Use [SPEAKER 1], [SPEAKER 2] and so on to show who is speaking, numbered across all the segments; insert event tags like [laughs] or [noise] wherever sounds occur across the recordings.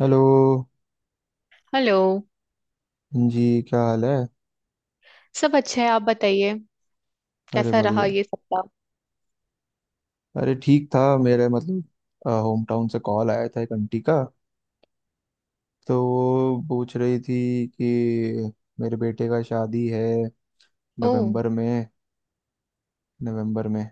[SPEAKER 1] Hello.
[SPEAKER 2] Hello.
[SPEAKER 1] जी क्या हाल है।
[SPEAKER 2] सब अच्छा है, आप बताइए।
[SPEAKER 1] अरे
[SPEAKER 2] कैसा रहा
[SPEAKER 1] बढ़िया।
[SPEAKER 2] ये सप्ताह?
[SPEAKER 1] अरे ठीक था मेरे मतलब। होम टाउन से कॉल आया था एक आंटी का। तो वो पूछ रही थी कि मेरे बेटे का शादी है
[SPEAKER 2] ओह।
[SPEAKER 1] नवंबर में। नवंबर में।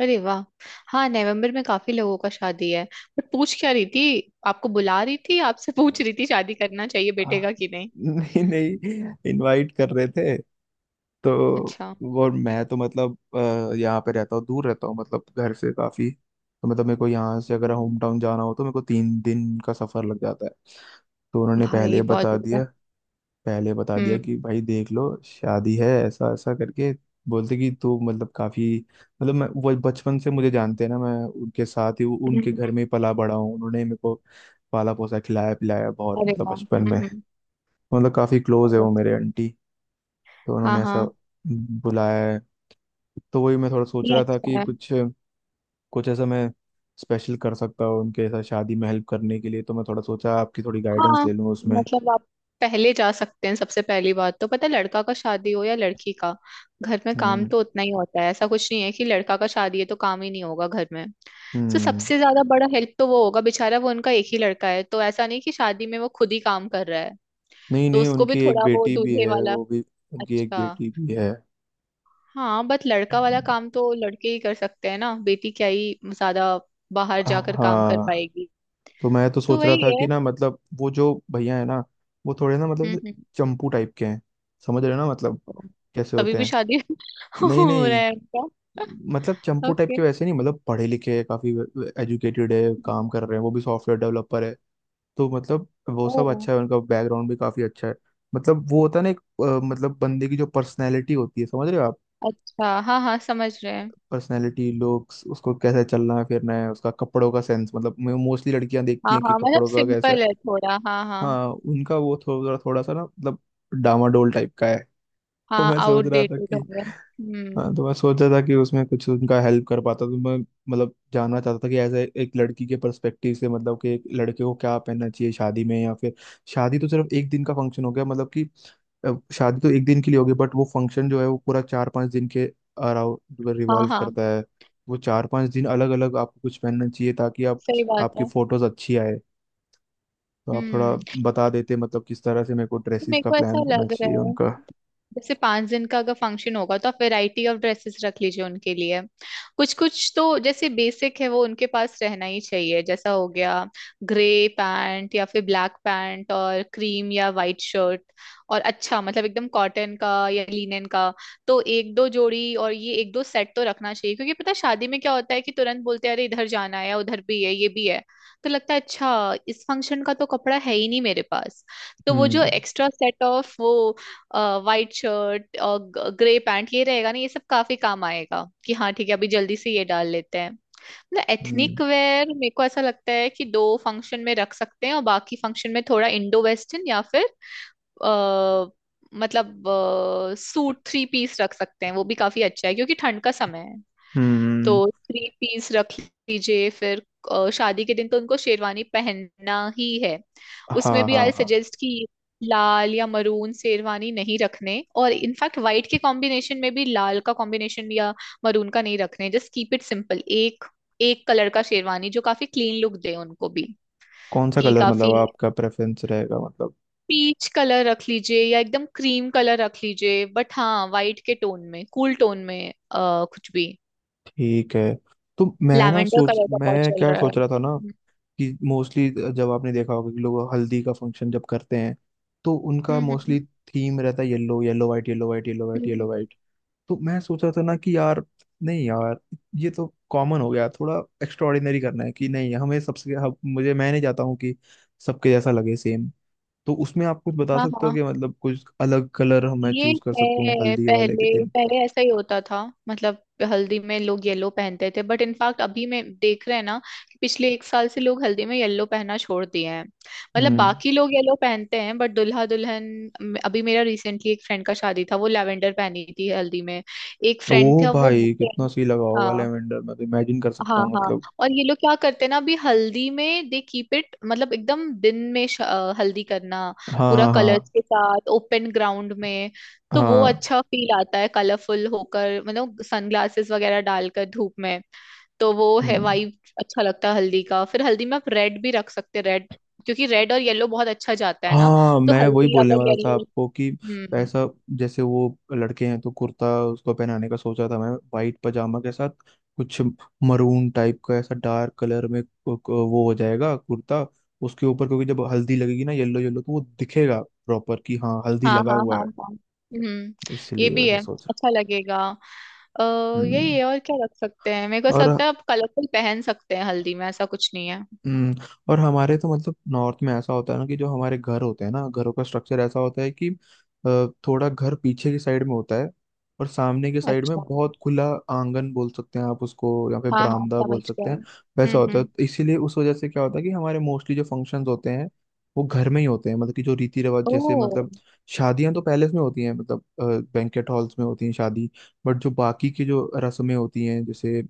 [SPEAKER 2] अरे वाह। हाँ, नवंबर में काफी लोगों का शादी है। बट पूछ क्या रही थी, आपको बुला रही थी, आपसे पूछ रही थी शादी करना चाहिए
[SPEAKER 1] आ,
[SPEAKER 2] बेटे का कि नहीं?
[SPEAKER 1] नहीं नहीं इनवाइट कर रहे थे। तो
[SPEAKER 2] अच्छा।
[SPEAKER 1] और मैं तो मतलब यहाँ पे रहता हूँ दूर रहता हूँ मतलब घर से काफी। तो मतलब मेरे को यहाँ से अगर
[SPEAKER 2] हम्म।
[SPEAKER 1] होम टाउन जाना हो तो मेरे को 3 दिन का सफर लग जाता है। तो उन्होंने पहले
[SPEAKER 2] भाई
[SPEAKER 1] ही
[SPEAKER 2] बहुत
[SPEAKER 1] बता
[SPEAKER 2] बढ़िया।
[SPEAKER 1] दिया। पहले बता दिया कि
[SPEAKER 2] हम्म
[SPEAKER 1] भाई देख लो शादी है ऐसा ऐसा करके बोलते कि तू मतलब काफी मतलब। मैं वो बचपन से मुझे जानते हैं ना। मैं उनके साथ ही उनके
[SPEAKER 2] हम्म।
[SPEAKER 1] घर में ही पला बड़ा हूँ। उन्होंने मेरे को पाला पोसा खिलाया पिलाया बहुत
[SPEAKER 2] अरे
[SPEAKER 1] मतलब
[SPEAKER 2] वाह।
[SPEAKER 1] बचपन में।
[SPEAKER 2] हम्म।
[SPEAKER 1] मतलब काफी क्लोज है
[SPEAKER 2] बहुत
[SPEAKER 1] वो मेरे
[SPEAKER 2] अच्छा।
[SPEAKER 1] आंटी। तो
[SPEAKER 2] हाँ
[SPEAKER 1] उन्होंने ऐसा
[SPEAKER 2] हाँ।
[SPEAKER 1] बुलाया है। तो वही मैं थोड़ा सोच
[SPEAKER 2] ये
[SPEAKER 1] रहा था
[SPEAKER 2] अच्छा
[SPEAKER 1] कि
[SPEAKER 2] है।
[SPEAKER 1] कुछ कुछ ऐसा मैं स्पेशल कर सकता हूँ उनके साथ शादी में हेल्प करने के लिए। तो मैं थोड़ा सोचा आपकी थोड़ी गाइडेंस
[SPEAKER 2] हाँ
[SPEAKER 1] ले लूँ उसमें।
[SPEAKER 2] मतलब आप पहले जा सकते हैं। सबसे पहली बात तो पता है, लड़का का शादी हो या लड़की का, घर में काम
[SPEAKER 1] हम्म।
[SPEAKER 2] तो उतना ही होता है। ऐसा कुछ नहीं है कि लड़का का शादी है तो काम ही नहीं होगा घर में। तो
[SPEAKER 1] हम्म।
[SPEAKER 2] सबसे ज्यादा बड़ा हेल्प तो वो होगा बेचारा, वो उनका एक ही लड़का है तो ऐसा नहीं कि शादी में वो खुद ही काम कर रहा है।
[SPEAKER 1] नहीं
[SPEAKER 2] तो
[SPEAKER 1] नहीं
[SPEAKER 2] उसको भी
[SPEAKER 1] उनकी एक
[SPEAKER 2] थोड़ा वो
[SPEAKER 1] बेटी भी
[SPEAKER 2] दूल्हे
[SPEAKER 1] है
[SPEAKER 2] वाला।
[SPEAKER 1] वो भी। उनकी एक
[SPEAKER 2] अच्छा
[SPEAKER 1] बेटी भी है।
[SPEAKER 2] हाँ, बट लड़का वाला काम तो लड़के ही कर सकते हैं ना, बेटी क्या ही ज्यादा बाहर जाकर काम कर
[SPEAKER 1] हाँ।
[SPEAKER 2] पाएगी।
[SPEAKER 1] तो मैं तो
[SPEAKER 2] तो
[SPEAKER 1] सोच रहा
[SPEAKER 2] वही
[SPEAKER 1] था
[SPEAKER 2] है।
[SPEAKER 1] कि ना मतलब वो जो भैया है ना वो थोड़े ना मतलब
[SPEAKER 2] हम्म।
[SPEAKER 1] चंपू टाइप के हैं। समझ रहे हो ना मतलब कैसे
[SPEAKER 2] तभी
[SPEAKER 1] होते
[SPEAKER 2] भी
[SPEAKER 1] हैं।
[SPEAKER 2] शादी [laughs]
[SPEAKER 1] नहीं
[SPEAKER 2] हो रहा
[SPEAKER 1] नहीं
[SPEAKER 2] है उनका?
[SPEAKER 1] मतलब चंपू टाइप
[SPEAKER 2] ओके।
[SPEAKER 1] के वैसे नहीं मतलब पढ़े लिखे हैं काफी एजुकेटेड है काम कर रहे हैं वो भी सॉफ्टवेयर डेवलपर है। तो मतलब वो
[SPEAKER 2] ओ
[SPEAKER 1] सब अच्छा है उनका बैकग्राउंड भी काफी अच्छा है। मतलब वो होता है ना एक मतलब बंदे की जो पर्सनैलिटी होती है समझ रहे हो आप।
[SPEAKER 2] अच्छा, हाँ हाँ, समझ रहे हैं।
[SPEAKER 1] पर्सनैलिटी लुक्स उसको कैसे चलना है फिरना है उसका कपड़ों का सेंस मतलब मोस्टली लड़कियां देखती
[SPEAKER 2] हाँ
[SPEAKER 1] हैं कि
[SPEAKER 2] हाँ, मतलब
[SPEAKER 1] कपड़ों का कैसा है।
[SPEAKER 2] सिंपल है थोड़ा, हाँ हाँ।
[SPEAKER 1] हाँ उनका वो थोड़ा थोड़ा सा ना मतलब डामाडोल टाइप का है। तो
[SPEAKER 2] हाँ
[SPEAKER 1] मैं सोच रहा था
[SPEAKER 2] आउटडेटेड
[SPEAKER 1] कि
[SPEAKER 2] हो गया। हम्म।
[SPEAKER 1] हाँ तो मैं सोचा था कि उसमें कुछ उनका हेल्प कर पाता तो मैं मतलब जानना चाहता था कि एज एक लड़की के पर्सपेक्टिव से मतलब कि एक लड़के को क्या पहनना चाहिए शादी में या फिर शादी तो सिर्फ एक दिन का फंक्शन हो गया मतलब कि शादी तो एक दिन के लिए होगी बट वो फंक्शन जो है वो पूरा 4-5 दिन के अराउंड
[SPEAKER 2] हाँ
[SPEAKER 1] रिवॉल्व
[SPEAKER 2] हाँ,
[SPEAKER 1] करता है। वो 4-5 दिन अलग अलग आपको कुछ पहनना चाहिए ताकि आप
[SPEAKER 2] सही बात
[SPEAKER 1] आपकी
[SPEAKER 2] है।
[SPEAKER 1] फोटोज अच्छी आए। तो आप थोड़ा
[SPEAKER 2] हम्म।
[SPEAKER 1] बता देते मतलब किस तरह से मेरे को
[SPEAKER 2] तो
[SPEAKER 1] ड्रेसेस
[SPEAKER 2] मेरे
[SPEAKER 1] का
[SPEAKER 2] को ऐसा
[SPEAKER 1] प्लान करना
[SPEAKER 2] लग
[SPEAKER 1] चाहिए
[SPEAKER 2] रहा है,
[SPEAKER 1] उनका।
[SPEAKER 2] जैसे 5 दिन का अगर फंक्शन होगा तो आप वैरायटी ऑफ ड्रेसेस रख लीजिए उनके लिए। कुछ कुछ तो जैसे बेसिक है वो उनके पास रहना ही चाहिए, जैसा हो गया ग्रे पैंट या फिर ब्लैक पैंट और क्रीम या वाइट शर्ट। और अच्छा मतलब एकदम कॉटन का या लिनन का। तो एक दो जोड़ी और ये एक दो सेट तो रखना चाहिए, क्योंकि पता है शादी में क्या होता है कि तुरंत बोलते हैं, अरे इधर जाना है या उधर भी है ये भी है, तो लगता है अच्छा इस फंक्शन का तो कपड़ा है ही नहीं मेरे पास। तो वो जो
[SPEAKER 1] हम्म।
[SPEAKER 2] एक्स्ट्रा सेट ऑफ वो वाइट शर्ट और ग्रे पैंट ये रहेगा ना, ये सब काफी काम आएगा कि हाँ ठीक है अभी जल्दी से ये डाल लेते हैं। ना
[SPEAKER 1] हम्म।
[SPEAKER 2] एथनिक वेयर मेरे को ऐसा लगता है कि दो फंक्शन में रख सकते हैं, और बाकी फंक्शन में थोड़ा इंडो वेस्टर्न या फिर अ, मतलब सूट थ्री पीस रख सकते हैं। वो भी काफी अच्छा है क्योंकि ठंड का समय है।
[SPEAKER 1] हम्म।
[SPEAKER 2] तो थ्री पीस रख लीजिए फिर। शादी के दिन तो उनको शेरवानी पहनना ही है। उसमें
[SPEAKER 1] हाँ
[SPEAKER 2] भी
[SPEAKER 1] हाँ
[SPEAKER 2] आई
[SPEAKER 1] हाँ।
[SPEAKER 2] सजेस्ट कि लाल या मरून शेरवानी नहीं रखने, और इनफैक्ट वाइट के कॉम्बिनेशन में भी लाल का कॉम्बिनेशन या मरून का नहीं रखने। Just keep it simple. एक एक कलर का शेरवानी जो काफी क्लीन लुक दे उनको भी।
[SPEAKER 1] कौन सा
[SPEAKER 2] कि
[SPEAKER 1] कलर
[SPEAKER 2] काफी
[SPEAKER 1] मतलब आपका प्रेफरेंस रहेगा मतलब।
[SPEAKER 2] पीच कलर रख लीजिए, या एकदम क्रीम कलर रख लीजिए। बट हाँ, वाइट के टोन में, कूल टोन में कुछ भी।
[SPEAKER 1] ठीक है। तो मैं ना
[SPEAKER 2] लैवेंडर
[SPEAKER 1] सोच
[SPEAKER 2] कलर का बहुत
[SPEAKER 1] मैं
[SPEAKER 2] चल
[SPEAKER 1] क्या
[SPEAKER 2] रहा
[SPEAKER 1] सोच रहा था ना
[SPEAKER 2] है।
[SPEAKER 1] कि मोस्टली जब आपने देखा होगा कि लोग हल्दी का फंक्शन जब करते हैं तो उनका
[SPEAKER 2] हम्म।
[SPEAKER 1] मोस्टली थीम रहता है yellow yellow white yellow white yellow white
[SPEAKER 2] हम्म, हम्म,
[SPEAKER 1] येलो वाइट। तो मैं सोच रहा था ना कि यार नहीं यार ये तो कॉमन हो गया थोड़ा एक्स्ट्राऑर्डिनरी करना है कि नहीं हमें सबसे हम, मुझे मैं नहीं चाहता हूँ कि सबके जैसा लगे सेम। तो उसमें आप कुछ बता
[SPEAKER 2] हाँ
[SPEAKER 1] सकते हो
[SPEAKER 2] हाँ।
[SPEAKER 1] कि मतलब कुछ अलग कलर मैं
[SPEAKER 2] ये
[SPEAKER 1] चूज कर सकता हूँ
[SPEAKER 2] है।
[SPEAKER 1] हल्दी वाले के
[SPEAKER 2] पहले
[SPEAKER 1] दिन।
[SPEAKER 2] पहले ऐसा ही होता था, मतलब हल्दी में लोग येलो पहनते थे। बट इनफैक्ट अभी में देख रहे हैं ना कि पिछले एक साल से लोग हल्दी में येलो पहनना छोड़ दिए हैं। मतलब
[SPEAKER 1] हम्म।
[SPEAKER 2] बाकी लोग येलो पहनते हैं, बट दुल्हा दुल्हन। अभी मेरा रिसेंटली एक फ्रेंड का शादी था, वो लैवेंडर पहनी थी हल्दी में। एक फ्रेंड
[SPEAKER 1] ओ
[SPEAKER 2] था वो।
[SPEAKER 1] भाई कितना सही लगा होगा
[SPEAKER 2] हाँ
[SPEAKER 1] लेवेंडर मैं तो इमेजिन कर सकता
[SPEAKER 2] हाँ
[SPEAKER 1] हूँ
[SPEAKER 2] हाँ।
[SPEAKER 1] मतलब।
[SPEAKER 2] और ये लोग क्या करते हैं ना, अभी हल्दी में दे कीप इट, मतलब एकदम दिन में हल्दी करना
[SPEAKER 1] हाँ
[SPEAKER 2] पूरा
[SPEAKER 1] हाँ
[SPEAKER 2] कलर्स
[SPEAKER 1] हाँ
[SPEAKER 2] के साथ ओपन ग्राउंड में। तो वो
[SPEAKER 1] हाँ।
[SPEAKER 2] अच्छा फील आता है कलरफुल होकर, मतलब सनग्लासेस वगैरह डालकर धूप में। तो वो है
[SPEAKER 1] हम्म।
[SPEAKER 2] वाइब। अच्छा लगता है हल्दी का। फिर हल्दी में आप रेड भी रख सकते हैं, रेड, क्योंकि रेड और येलो बहुत अच्छा जाता है ना।
[SPEAKER 1] हाँ
[SPEAKER 2] तो
[SPEAKER 1] मैं वही
[SPEAKER 2] हल्दी
[SPEAKER 1] बोलने
[SPEAKER 2] अगर
[SPEAKER 1] वाला था
[SPEAKER 2] येलो।
[SPEAKER 1] आपको कि
[SPEAKER 2] हम्म हम्म।
[SPEAKER 1] पैसा जैसे वो लड़के हैं तो कुर्ता उसको पहनाने का सोचा था मैं वाइट पजामा के साथ कुछ मरून टाइप का ऐसा डार्क कलर में वो हो जाएगा कुर्ता। उसके ऊपर क्योंकि जब हल्दी लगेगी ना येलो येलो तो वो दिखेगा प्रॉपर कि हाँ हल्दी
[SPEAKER 2] हाँ
[SPEAKER 1] लगा
[SPEAKER 2] हाँ
[SPEAKER 1] हुआ
[SPEAKER 2] हाँ
[SPEAKER 1] है।
[SPEAKER 2] हाँ। हम्म। ये
[SPEAKER 1] इसलिए
[SPEAKER 2] भी
[SPEAKER 1] वैसा
[SPEAKER 2] है,
[SPEAKER 1] सोच रहा।
[SPEAKER 2] अच्छा लगेगा। अ, यही
[SPEAKER 1] हम्म।
[SPEAKER 2] है। और क्या रख सकते हैं? मेरे को ऐसा लगता
[SPEAKER 1] और
[SPEAKER 2] है आप कलरफुल पहन सकते हैं हल्दी में, ऐसा कुछ नहीं है।
[SPEAKER 1] हम्म, हमारे तो मतलब नॉर्थ में ऐसा होता है ना कि जो हमारे घर होते हैं ना घरों का स्ट्रक्चर ऐसा होता है कि थोड़ा घर पीछे की साइड में होता है। और सामने की साइड
[SPEAKER 2] अच्छा
[SPEAKER 1] में बहुत खुला आंगन बोल सकते हैं आप उसको या फिर
[SPEAKER 2] हाँ हाँ,
[SPEAKER 1] बरामदा बोल
[SPEAKER 2] समझ गया।
[SPEAKER 1] सकते हैं। वैसा होता है
[SPEAKER 2] हम्म।
[SPEAKER 1] तो इसीलिए उस वजह से क्या होता है कि हमारे मोस्टली जो फंक्शंस होते हैं वो घर में ही होते हैं मतलब कि जो रीति रिवाज जैसे
[SPEAKER 2] ओह।
[SPEAKER 1] मतलब शादियां तो पैलेस में होती हैं मतलब बैंकेट हॉल्स में होती हैं शादी। बट जो बाकी की जो रस्में होती हैं जैसे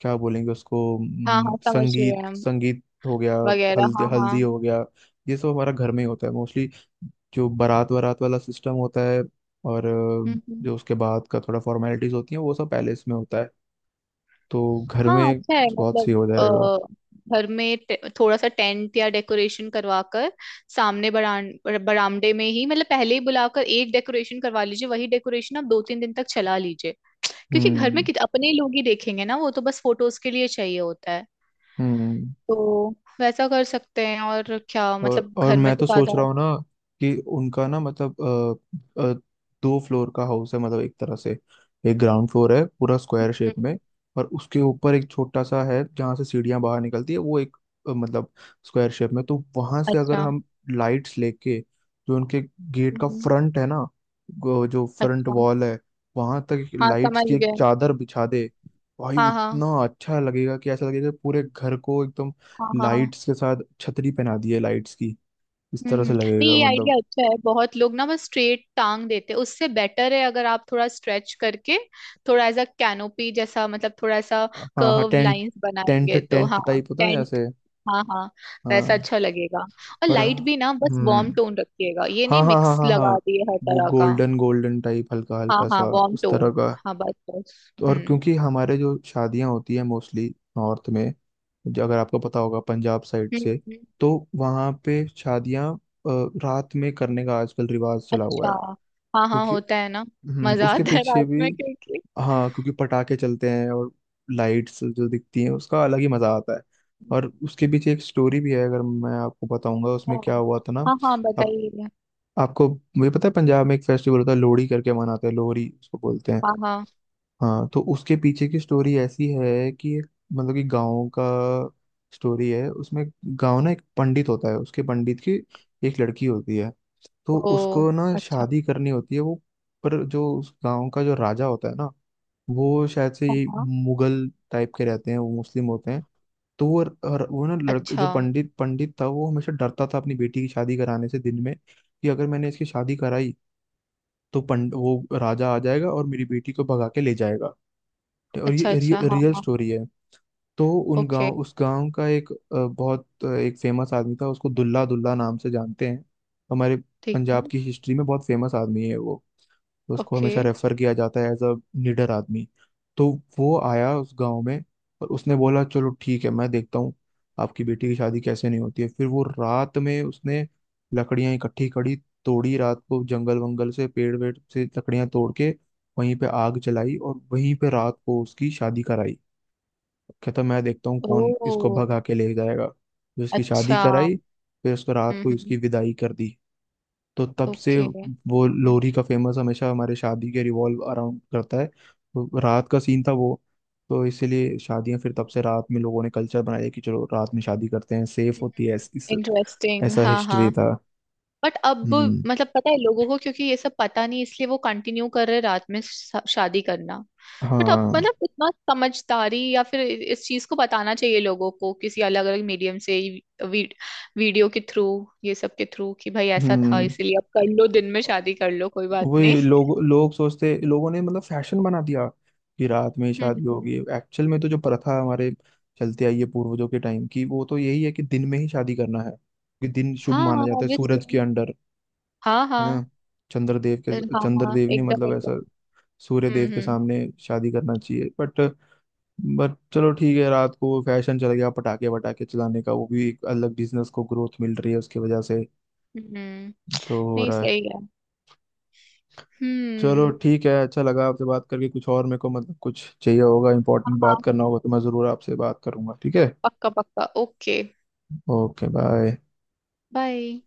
[SPEAKER 1] क्या बोलेंगे उसको
[SPEAKER 2] हाँ हाँ समझ गए
[SPEAKER 1] संगीत
[SPEAKER 2] हम।
[SPEAKER 1] संगीत हो गया
[SPEAKER 2] वगैरह
[SPEAKER 1] हल्दी
[SPEAKER 2] हाँ हाँ।
[SPEAKER 1] हल्दी हो गया। ये सब हमारा घर में ही होता है मोस्टली। जो बारात वारात वाला सिस्टम होता है और
[SPEAKER 2] हम्म।
[SPEAKER 1] जो उसके बाद का थोड़ा फॉर्मेलिटीज होती है वो सब पैलेस में होता है। तो घर
[SPEAKER 2] हाँ
[SPEAKER 1] में
[SPEAKER 2] अच्छा है,
[SPEAKER 1] बहुत सही
[SPEAKER 2] मतलब
[SPEAKER 1] हो जाएगा।
[SPEAKER 2] घर में थोड़ा सा टेंट या डेकोरेशन करवा कर, सामने बरान बरामदे में ही, मतलब पहले ही बुलाकर एक डेकोरेशन करवा लीजिए। वही डेकोरेशन आप दो तीन दिन तक चला लीजिए। क्योंकि घर
[SPEAKER 1] हम्म।
[SPEAKER 2] में अपने लोग ही देखेंगे ना, वो तो बस फोटोज के लिए चाहिए होता है।
[SPEAKER 1] हम्म।
[SPEAKER 2] तो वैसा कर सकते हैं। और क्या
[SPEAKER 1] और
[SPEAKER 2] मतलब,
[SPEAKER 1] और
[SPEAKER 2] घर में
[SPEAKER 1] मैं
[SPEAKER 2] तो
[SPEAKER 1] तो
[SPEAKER 2] ज्यादा।
[SPEAKER 1] सोच रहा हूँ ना कि उनका ना मतलब अ, अ, 2 फ्लोर का हाउस है मतलब एक तरह से। एक ग्राउंड फ्लोर है पूरा स्क्वायर
[SPEAKER 2] हम्म,
[SPEAKER 1] शेप में। और उसके ऊपर एक छोटा सा है जहाँ से सीढ़ियाँ बाहर निकलती है वो एक मतलब स्क्वायर शेप में। तो वहां से अगर
[SPEAKER 2] अच्छा।
[SPEAKER 1] हम लाइट्स लेके जो उनके गेट का
[SPEAKER 2] हम्म,
[SPEAKER 1] फ्रंट है ना जो फ्रंट
[SPEAKER 2] अच्छा।
[SPEAKER 1] वॉल है वहां तक
[SPEAKER 2] हाँ
[SPEAKER 1] लाइट्स
[SPEAKER 2] समझ
[SPEAKER 1] की एक
[SPEAKER 2] गए।
[SPEAKER 1] चादर बिछा दे। भाई वो
[SPEAKER 2] हाँ हाँ
[SPEAKER 1] इतना अच्छा लगेगा कि ऐसा लगेगा कि पूरे घर को एकदम
[SPEAKER 2] हाँ हाँ।
[SPEAKER 1] लाइट्स के साथ छतरी पहना दी है लाइट्स की। इस
[SPEAKER 2] हम्म
[SPEAKER 1] तरह
[SPEAKER 2] हम्म।
[SPEAKER 1] से
[SPEAKER 2] नहीं,
[SPEAKER 1] लगेगा
[SPEAKER 2] ये आइडिया
[SPEAKER 1] मतलब।
[SPEAKER 2] अच्छा है। बहुत लोग ना बस स्ट्रेट टांग देते हैं, उससे बेटर है अगर आप थोड़ा स्ट्रेच करके, थोड़ा ऐसा कैनोपी जैसा, मतलब थोड़ा सा
[SPEAKER 1] हाँ हाँ
[SPEAKER 2] कर्व
[SPEAKER 1] टेंट
[SPEAKER 2] लाइंस
[SPEAKER 1] टेंट
[SPEAKER 2] बनाएंगे तो
[SPEAKER 1] टेंट
[SPEAKER 2] हाँ।
[SPEAKER 1] टाइप होता है ना
[SPEAKER 2] टेंट।
[SPEAKER 1] ऐसे।
[SPEAKER 2] हाँ हाँ, वैसा
[SPEAKER 1] हाँ।
[SPEAKER 2] अच्छा लगेगा। और
[SPEAKER 1] और
[SPEAKER 2] लाइट भी ना, बस
[SPEAKER 1] हम्म।
[SPEAKER 2] वार्म टोन रखिएगा, ये
[SPEAKER 1] हाँ
[SPEAKER 2] नहीं
[SPEAKER 1] हाँ हाँ
[SPEAKER 2] मिक्स
[SPEAKER 1] हाँ हाँ।
[SPEAKER 2] लगा दिए हर
[SPEAKER 1] वो
[SPEAKER 2] तरह का।
[SPEAKER 1] गोल्डन गोल्डन टाइप हल्का
[SPEAKER 2] हाँ
[SPEAKER 1] हल्का
[SPEAKER 2] हाँ
[SPEAKER 1] सा।
[SPEAKER 2] वार्म
[SPEAKER 1] उस तरह
[SPEAKER 2] टोन।
[SPEAKER 1] का।
[SPEAKER 2] हाँ बस बस।
[SPEAKER 1] तो और
[SPEAKER 2] हम्म
[SPEAKER 1] क्योंकि हमारे जो शादियां होती है मोस्टली नॉर्थ में जो अगर आपको पता होगा पंजाब साइड
[SPEAKER 2] हम्म।
[SPEAKER 1] से तो वहाँ पे शादियां रात में करने का आजकल रिवाज चला हुआ है।
[SPEAKER 2] अच्छा। हाँ हाँ
[SPEAKER 1] क्योंकि
[SPEAKER 2] होता है ना। मजा
[SPEAKER 1] उसके
[SPEAKER 2] आता है
[SPEAKER 1] पीछे
[SPEAKER 2] रात
[SPEAKER 1] भी।
[SPEAKER 2] में क्योंकि
[SPEAKER 1] हाँ क्योंकि पटाखे चलते हैं और लाइट्स जो दिखती हैं उसका अलग ही मजा आता है। और उसके पीछे एक स्टोरी भी है अगर मैं आपको बताऊंगा उसमें
[SPEAKER 2] अच्छा।
[SPEAKER 1] क्या हुआ था ना।
[SPEAKER 2] हाँ हाँ
[SPEAKER 1] आप
[SPEAKER 2] बताइए।
[SPEAKER 1] आपको मुझे पता है पंजाब में एक फेस्टिवल होता है लोहड़ी करके मनाते हैं लोहड़ी उसको बोलते हैं।
[SPEAKER 2] हाँ हाँ।
[SPEAKER 1] हाँ तो उसके पीछे की स्टोरी ऐसी है कि मतलब कि गाँव का स्टोरी है उसमें। गाँव ना एक पंडित होता है उसके पंडित की एक लड़की होती है। तो
[SPEAKER 2] ओ
[SPEAKER 1] उसको ना
[SPEAKER 2] अच्छा।
[SPEAKER 1] शादी करनी होती है वो। पर जो उस गांव का जो राजा होता है ना वो शायद से
[SPEAKER 2] हाँ
[SPEAKER 1] ये
[SPEAKER 2] हाँ।
[SPEAKER 1] मुगल टाइप के रहते हैं वो मुस्लिम होते हैं। तो वो और वो ना लड़क जो
[SPEAKER 2] अच्छा
[SPEAKER 1] पंडित पंडित था वो हमेशा डरता था अपनी बेटी की शादी कराने से दिन में। कि अगर मैंने इसकी शादी कराई तो पंड वो राजा आ जाएगा और मेरी बेटी को भगा के ले जाएगा। और
[SPEAKER 2] अच्छा।
[SPEAKER 1] ये
[SPEAKER 2] अच्छा हाँ
[SPEAKER 1] रियल
[SPEAKER 2] हाँ।
[SPEAKER 1] स्टोरी है। तो उन
[SPEAKER 2] ओके
[SPEAKER 1] गांव उस गांव का एक बहुत एक फेमस आदमी था उसको दुल्ला दुल्ला नाम से जानते हैं। हमारे
[SPEAKER 2] ठीक है।
[SPEAKER 1] पंजाब की हिस्ट्री में बहुत फेमस आदमी है वो। तो उसको
[SPEAKER 2] ओके।
[SPEAKER 1] हमेशा रेफर किया जाता है एज अ निडर आदमी। तो वो आया उस गांव में और उसने बोला चलो ठीक है मैं देखता हूँ आपकी बेटी की शादी कैसे नहीं होती है। फिर वो रात में उसने लकड़ियां इकट्ठी करी तोड़ी रात को जंगल वंगल से पेड़ वेड़ से लकड़ियां तोड़ के वहीं पे आग जलाई और वहीं पे रात को उसकी शादी कराई। कहता मैं देखता हूँ कौन इसको
[SPEAKER 2] ओ
[SPEAKER 1] भगा के ले जाएगा फिर उसकी शादी
[SPEAKER 2] अच्छा।
[SPEAKER 1] कराई। फिर उसको रात को ही
[SPEAKER 2] हम्म।
[SPEAKER 1] उसकी विदाई कर दी। तो तब से
[SPEAKER 2] ओके।
[SPEAKER 1] वो लोरी का फेमस हमेशा हमारे शादी के रिवॉल्व अराउंड करता है। तो रात का सीन था वो। तो इसीलिए शादियां फिर तब से रात में लोगों ने कल्चर बनाया कि चलो रात में शादी करते हैं सेफ होती है
[SPEAKER 2] इंटरेस्टिंग
[SPEAKER 1] ऐसा
[SPEAKER 2] हाँ
[SPEAKER 1] हिस्ट्री
[SPEAKER 2] हाँ।
[SPEAKER 1] था।
[SPEAKER 2] बट अब
[SPEAKER 1] हम्म।
[SPEAKER 2] मतलब पता है लोगों को क्योंकि ये सब पता नहीं, इसलिए वो कंटिन्यू कर रहे रात में शादी करना। बट अब
[SPEAKER 1] हाँ।
[SPEAKER 2] मतलब इतना समझदारी या फिर इस चीज को बताना चाहिए लोगों को किसी अलग अलग मीडियम से ही, वीडियो के थ्रू, ये सब के थ्रू, कि भाई ऐसा था
[SPEAKER 1] हम्म।
[SPEAKER 2] इसीलिए अब कर लो दिन में शादी कर लो कोई बात नहीं।
[SPEAKER 1] वही लोग लोग सोचते लोगों ने मतलब फैशन बना दिया कि रात में ही शादी
[SPEAKER 2] हम्म।
[SPEAKER 1] होगी एक्चुअल में। तो जो प्रथा हमारे चलते आई है पूर्वजों के टाइम की वो तो यही है कि दिन में ही शादी करना है। कि दिन शुभ
[SPEAKER 2] हाँ
[SPEAKER 1] माना
[SPEAKER 2] हाँ
[SPEAKER 1] जाता है
[SPEAKER 2] ऑब्वियसली।
[SPEAKER 1] सूरज के अंडर
[SPEAKER 2] हाँ
[SPEAKER 1] है
[SPEAKER 2] हाँ।
[SPEAKER 1] ना। चंद्रदेव
[SPEAKER 2] फिर
[SPEAKER 1] के
[SPEAKER 2] हाँ हाँ
[SPEAKER 1] चंद्रदेव ने
[SPEAKER 2] एकदम
[SPEAKER 1] मतलब ऐसा
[SPEAKER 2] एकदम।
[SPEAKER 1] सूर्य देव के
[SPEAKER 2] हम्म
[SPEAKER 1] सामने शादी करना चाहिए बट। चलो ठीक है रात को फैशन चल गया पटाखे वटाखे चलाने का वो भी एक अलग बिजनेस को ग्रोथ मिल रही है उसकी वजह से।
[SPEAKER 2] हम्म। हम्म।
[SPEAKER 1] तो हो
[SPEAKER 2] नहीं
[SPEAKER 1] रहा है।
[SPEAKER 2] सही है।
[SPEAKER 1] चलो
[SPEAKER 2] हम्म।
[SPEAKER 1] ठीक है अच्छा लगा आपसे बात करके कुछ और मेरे को मतलब कुछ चाहिए होगा इंपॉर्टेंट
[SPEAKER 2] हाँ हाँ
[SPEAKER 1] बात करना होगा तो मैं ज़रूर आपसे बात करूंगा ठीक है।
[SPEAKER 2] पक्का पक्का ओके।
[SPEAKER 1] Okay bye.
[SPEAKER 2] बाय।